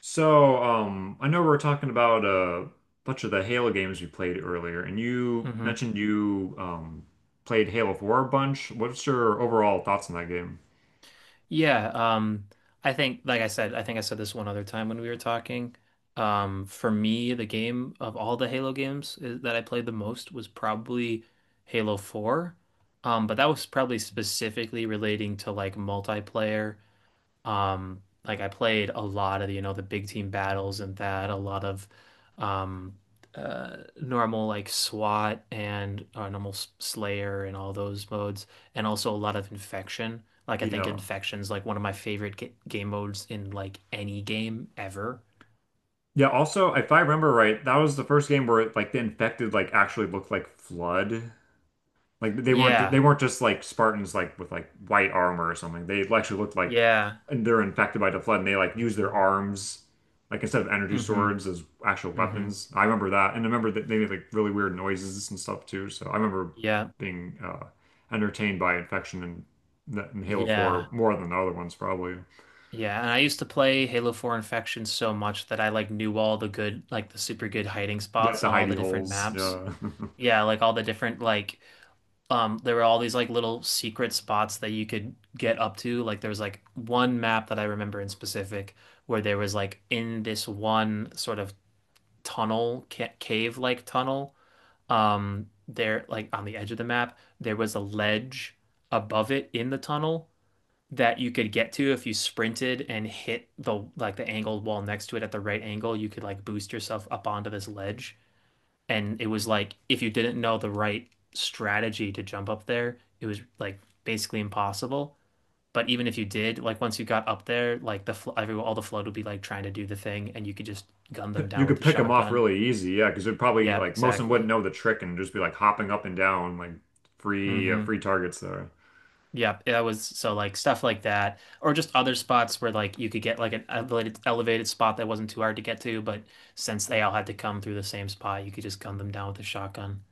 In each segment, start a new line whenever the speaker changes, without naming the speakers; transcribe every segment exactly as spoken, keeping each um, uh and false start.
So, um, I know we were talking about a bunch of the Halo games we played earlier, and you
hmm
mentioned you um, played Halo four a bunch. What's your overall thoughts on that game?
Yeah, um, I think, like I said, I think I said this one other time when we were talking. Um, for me, the game of all the Halo games is, that I played the most was probably Halo four. Um, but that was probably specifically relating to like multiplayer. Um, like I played a lot of, you know, the big team battles and that, a lot of um uh normal like SWAT and uh, normal S- Slayer and all those modes, and also a lot of Infection. Like I think
Yeah.
Infection's like one of my favorite ga game modes in like any game ever.
Yeah, also, if I remember right, that was the first game where like the infected like actually looked like Flood. Like they weren't they
Yeah.
weren't just like Spartans like with like white armor or something. They actually looked like
Yeah.
and they're infected by the flood, and they like use their arms like instead of energy
Mm-hmm.
swords as actual
Mm-hmm.
weapons. I remember that, and I remember that they made like really weird noises and stuff too. So I remember
Yeah.
being uh entertained by infection and that in Halo
Yeah.
four more than the other ones probably.
Yeah, and I used to play Halo four Infection so much that I like knew all the good, like the super good hiding
Yeah,
spots
the
on all the
hidey
different
holes.
maps.
Yeah.
Yeah, like all the different like um there were all these like little secret spots that you could get up to. Like there was like one map that I remember in specific where there was like in this one sort of tunnel ca cave-like tunnel. Um there like on the edge of the map there was a ledge above it in the tunnel that you could get to if you sprinted and hit the like the angled wall next to it at the right angle. You could like boost yourself up onto this ledge. And it was like if you didn't know the right strategy to jump up there, it was like basically impossible. But even if you did, like once you got up there, like the fl every all the flood would be like trying to do the thing, and you could just gun them
You
down with
could
the
pick them off
shotgun.
really easy, yeah, because it'd probably
Yeah,
like most of them wouldn't
exactly.
know the trick and just be like hopping up and down like free uh,
Mm-hmm.
free targets there.
Yep, that was, so like stuff like that, or just other spots where like you could get like an elevated elevated spot that wasn't too hard to get to, but since they all had to come through the same spot, you could just gun them down with a shotgun,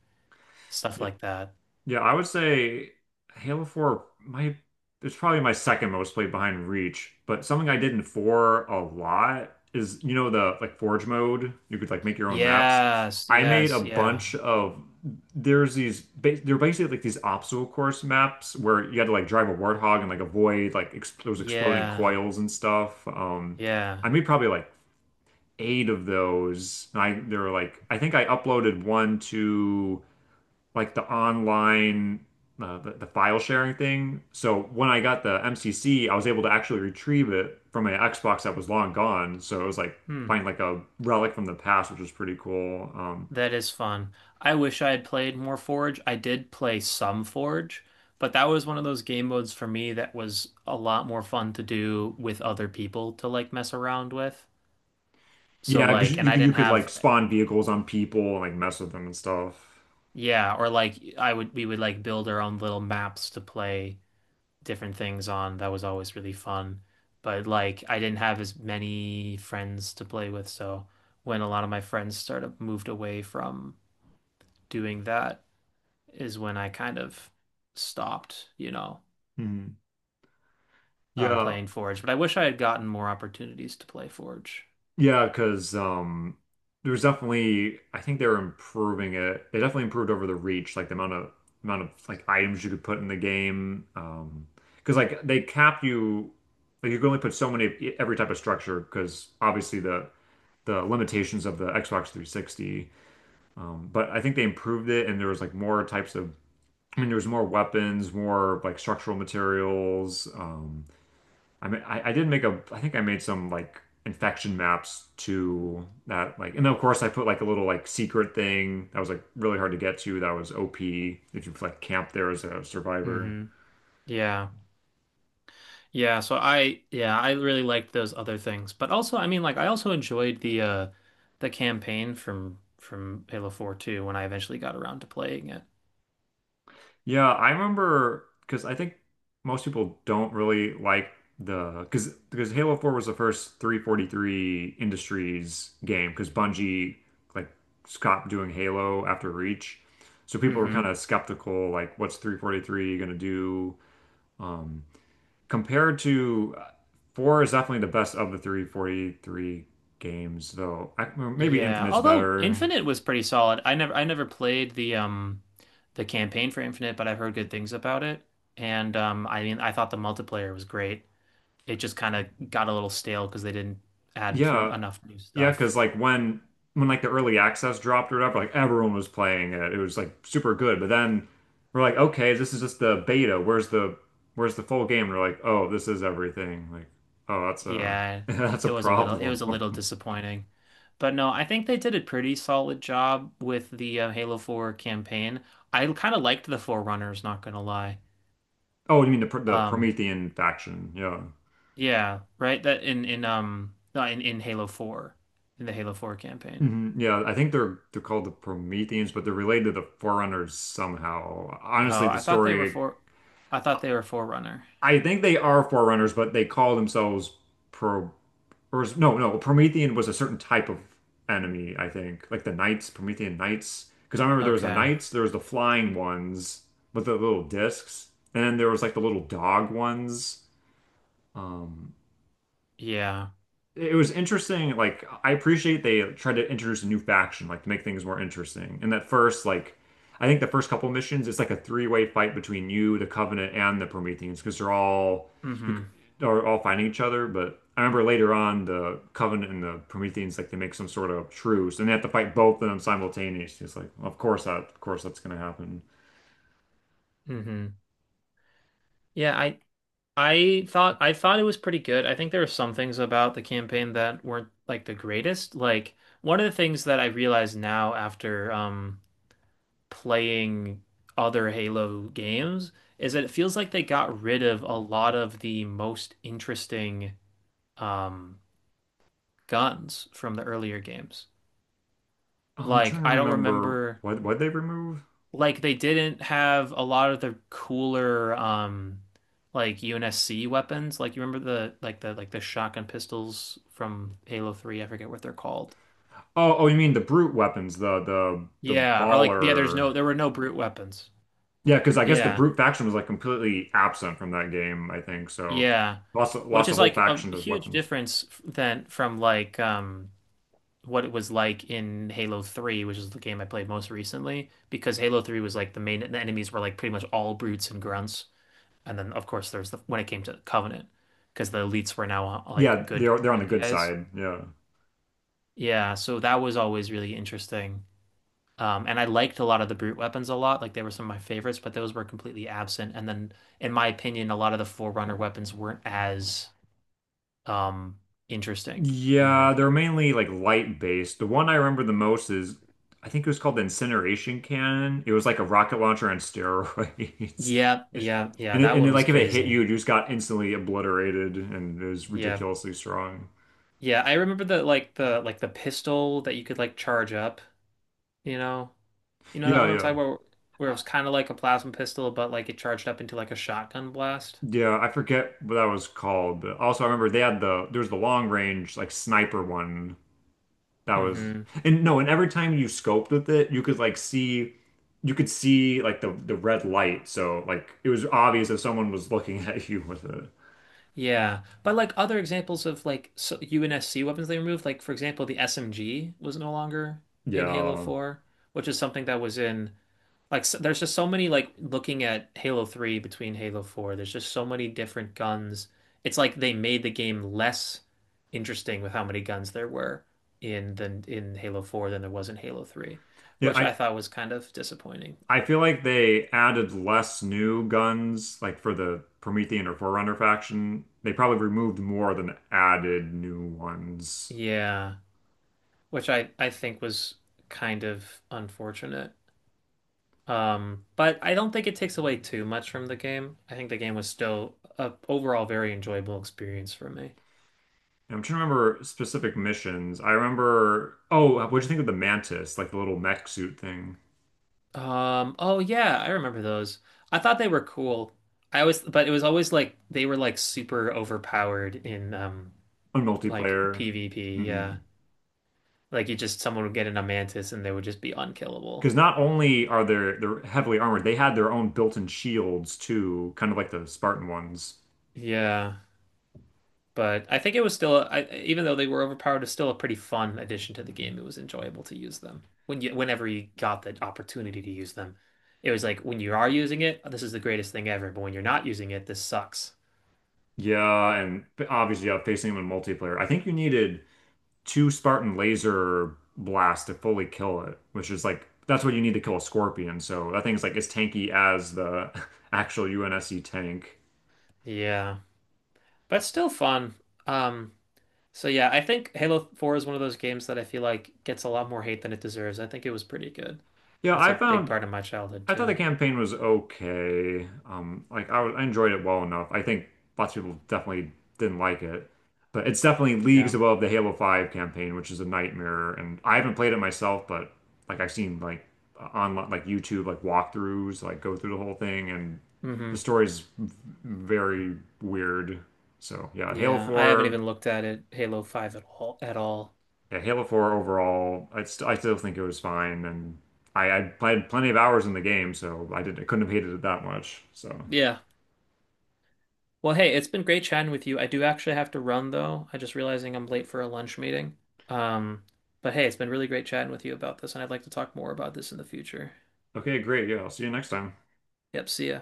stuff
Yeah,
like that.
yeah, I would say Halo four my it's probably my second most played behind Reach, but something I did in four a lot is you know the like Forge mode, you could like make your own maps.
Yes,
I made a
yes, yeah.
bunch of there's these ba- they're basically like these obstacle course maps where you had to like drive a warthog and like avoid like ex those exploding
Yeah,
coils and stuff. Um
yeah.
I made probably like eight of those. And I they're like I think I uploaded one to like the online uh, the, the file sharing thing. So when I got the M C C, I was able to actually retrieve it from an Xbox that was long gone. So it was like
Hmm.
find like a relic from the past, which was pretty cool. Um,
That is fun. I wish I had played more Forge. I did play some Forge, but that was one of those game modes for me that was a lot more fun to do with other people to like mess around with. So
yeah, because
like, and
you
I
could you
didn't
could
have,
like spawn vehicles on people and like mess with them and stuff.
yeah, or like I would, we would like build our own little maps to play different things on. That was always really fun. But like I didn't have as many friends to play with, so when a lot of my friends started moved away from doing that is when I kind of stopped, you know,
Mhm.
um,
Yeah.
playing Forge. But I wish I had gotten more opportunities to play Forge.
Yeah, because um, there was definitely I think they were improving it. They definitely improved over the Reach, like the amount of amount of like items you could put in the game. Um, because like they cap you, like you can only put so many of e- every type of structure. Because obviously the the limitations of the Xbox three sixty. Um, but I think they improved it, and there was like more types of. I mean, there was more weapons, more like structural materials. Um, I mean, I, I did make a, I think I made some like infection maps to that, like, and then of course I put like a little like secret thing that was like really hard to get to. That was O P if you like camp there as a survivor.
hmm Yeah. Yeah. So I, yeah, I really liked those other things. But also, I mean, like, I also enjoyed the, uh, the campaign from, from Halo four too when I eventually got around to playing it.
Yeah, I remember because I think most people don't really like the because because Halo four was the first three forty-three Industries game, because Bungie like stopped doing Halo after Reach. So people were kind
hmm
of skeptical, like, what's three forty-three gonna do? Um, compared to uh, four is definitely the best of the three forty-three games, though. I, well, maybe
Yeah.
Infinite's
Although
better.
Infinite was pretty solid. I never, I never played the, um, the campaign for Infinite, but I've heard good things about it. And, um, I mean, I thought the multiplayer was great. It just kind of got a little stale because they didn't add too
Yeah,
enough new
yeah,
stuff.
because like when when like the early access dropped or whatever, like everyone was playing it. It was like super good. But then we're like, okay, this is just the beta. Where's the where's the full game? And we're like, oh, this is everything. Like, oh, that's a
Yeah,
that's a
it was a little, it
problem.
was a little disappointing. But no, I think they did a pretty solid job with the uh, Halo four campaign. I kind of liked the Forerunners, not gonna lie.
Oh, you mean the Pr- the
Um,
Promethean faction? Yeah.
yeah, right? That in in um no, in in Halo four, in the Halo four campaign.
Hmm, yeah, I think they're they're called the Prometheans, but they're related to the Forerunners somehow. Honestly,
Oh,
the
I thought they were
story,
for I thought they were Forerunner.
I think they are Forerunners, but they call themselves Pro or is- no, no, Promethean was a certain type of enemy, I think. Like the Knights, Promethean Knights. Because I remember there was the
Okay.
Knights, there was the flying ones with the little discs, and then there was like the little dog ones. Um,
Yeah.
it was interesting. Like I appreciate they tried to introduce a new faction, like to make things more interesting. And that first, like I think the first couple missions, it's like a three-way fight between you, the Covenant, and the Prometheans, because they're all you
Mm-hmm.
are all fighting each other. But I remember later on, the Covenant and the Prometheans, like they make some sort of truce, and they have to fight both of them simultaneously. It's like, of course that, of course that's gonna happen.
Mm-hmm. Yeah, I I thought, I thought it was pretty good. I think there were some things about the campaign that weren't like the greatest. Like one of the things that I realize now after um playing other Halo games is that it feels like they got rid of a lot of the most interesting um guns from the earlier games.
I'm
Like
trying to
I don't
remember
remember,
what what they remove.
like they didn't have a lot of the cooler um like U N S C weapons. Like you remember the like the like the shotgun pistols from Halo three, I forget what they're called.
Oh, oh, you mean the brute weapons, the the the
Yeah, or like yeah, there's
Mauler.
no, there were no brute weapons.
Yeah, because I guess the
Yeah.
brute faction was like completely absent from that game, I think. So
Yeah.
lost
Which
lost a
is
whole
like a
faction to
huge
weapons.
difference f- than from like um what it was like in Halo three, which is the game I played most recently, because Halo three was like the main the enemies were like pretty much all brutes and grunts. And then of course there's the, when it came to Covenant, because the elites were now uh, like
Yeah,
good,
they're they're on the
good
good
guys.
side. Yeah.
Yeah, so that was always really interesting. Um, and I liked a lot of the brute weapons a lot. Like they were some of my favorites, but those were completely absent. And then, in my opinion, a lot of the Forerunner weapons weren't as um, interesting, in my
Yeah,
opinion.
they're mainly like light based. The one I remember the most is I think it was called the incineration cannon. It was like a rocket launcher on steroids.
Yeah,
It's-
yeah, yeah.
And it,
That
and
one
it,
was
like if it hit you,
crazy.
you just got instantly obliterated, and it was
Yeah,
ridiculously strong.
yeah. I remember the like the like the pistol that you could like charge up. You know, you know that
Yeah,
one I'm
yeah.
talking about, where it was kind of like a plasma pistol, but like it charged up into like a shotgun blast.
Yeah, I forget what that was called, but also I remember they had the there was the long range like sniper one that was
hmm
and no, and every time you scoped with it, you could like see you could see like the the red light, so like it was obvious if someone was looking at you with it.
Yeah, but like other examples of like so U N S C weapons they removed, like for example, the S M G was no longer in Halo
Yeah.
four, which is something that was in. Like so, there's just so many, like looking at Halo three between Halo four, there's just so many different guns. It's like they made the game less interesting with how many guns there were in than in Halo four than there was in Halo three,
Yeah,
which I
I
thought was kind of disappointing.
I feel like they added less new guns like for the Promethean or Forerunner faction. They probably removed more than added new ones.
Yeah, which I I think was kind of unfortunate. Um, but I don't think it takes away too much from the game. I think the game was still a overall very enjoyable experience for me.
I'm trying to remember specific missions. I remember. Oh, what'd you think of the Mantis, like the little mech suit thing
Um, oh yeah, I remember those. I thought they were cool. I always, but it was always like they were like super overpowered in um
on
like
multiplayer?
PvP,
Mm-hmm.
yeah. Like you just, someone would get in a mantis and they would just be unkillable.
Because not only are they they're heavily armored, they had their own built-in shields too, kind of like the Spartan ones.
Yeah. But I think it was still, I, even though they were overpowered, it's still a pretty fun addition to the game. It was enjoyable to use them. When you whenever you got the opportunity to use them. It was like when you are using it, this is the greatest thing ever, but when you're not using it, this sucks.
Yeah, and obviously, yeah, facing them in multiplayer. I think you needed two Spartan laser blasts to fully kill it, which is like that's what you need to kill a Scorpion. So that thing's like as tanky as the actual U N S C tank.
Yeah. But still fun. Um So yeah, I think Halo four is one of those games that I feel like gets a lot more hate than it deserves. I think it was pretty good.
Yeah,
That's
I
a big
found
part of my childhood
I thought
too.
the campaign was okay. Um, like I, I enjoyed it well enough. I think lots of people definitely didn't like it, but it's definitely leagues
Yeah.
above the Halo five campaign, which is a nightmare. And I haven't played it myself, but like I've seen like on like YouTube like walkthroughs, like go through the whole thing, and the
hmm
story's very weird. So yeah, Halo
Yeah, I haven't
four.
even looked at it, Halo five at all at all.
Yeah, Halo four overall, I st I still think it was fine, and I, I played plenty of hours in the game, so I didn't I couldn't have hated it that much. So
Yeah. Well, hey, it's been great chatting with you. I do actually have to run though. I just realizing I'm late for a lunch meeting. Um, but hey, it's been really great chatting with you about this, and I'd like to talk more about this in the future.
okay, great. Yeah, I'll see you next time.
Yep, see ya.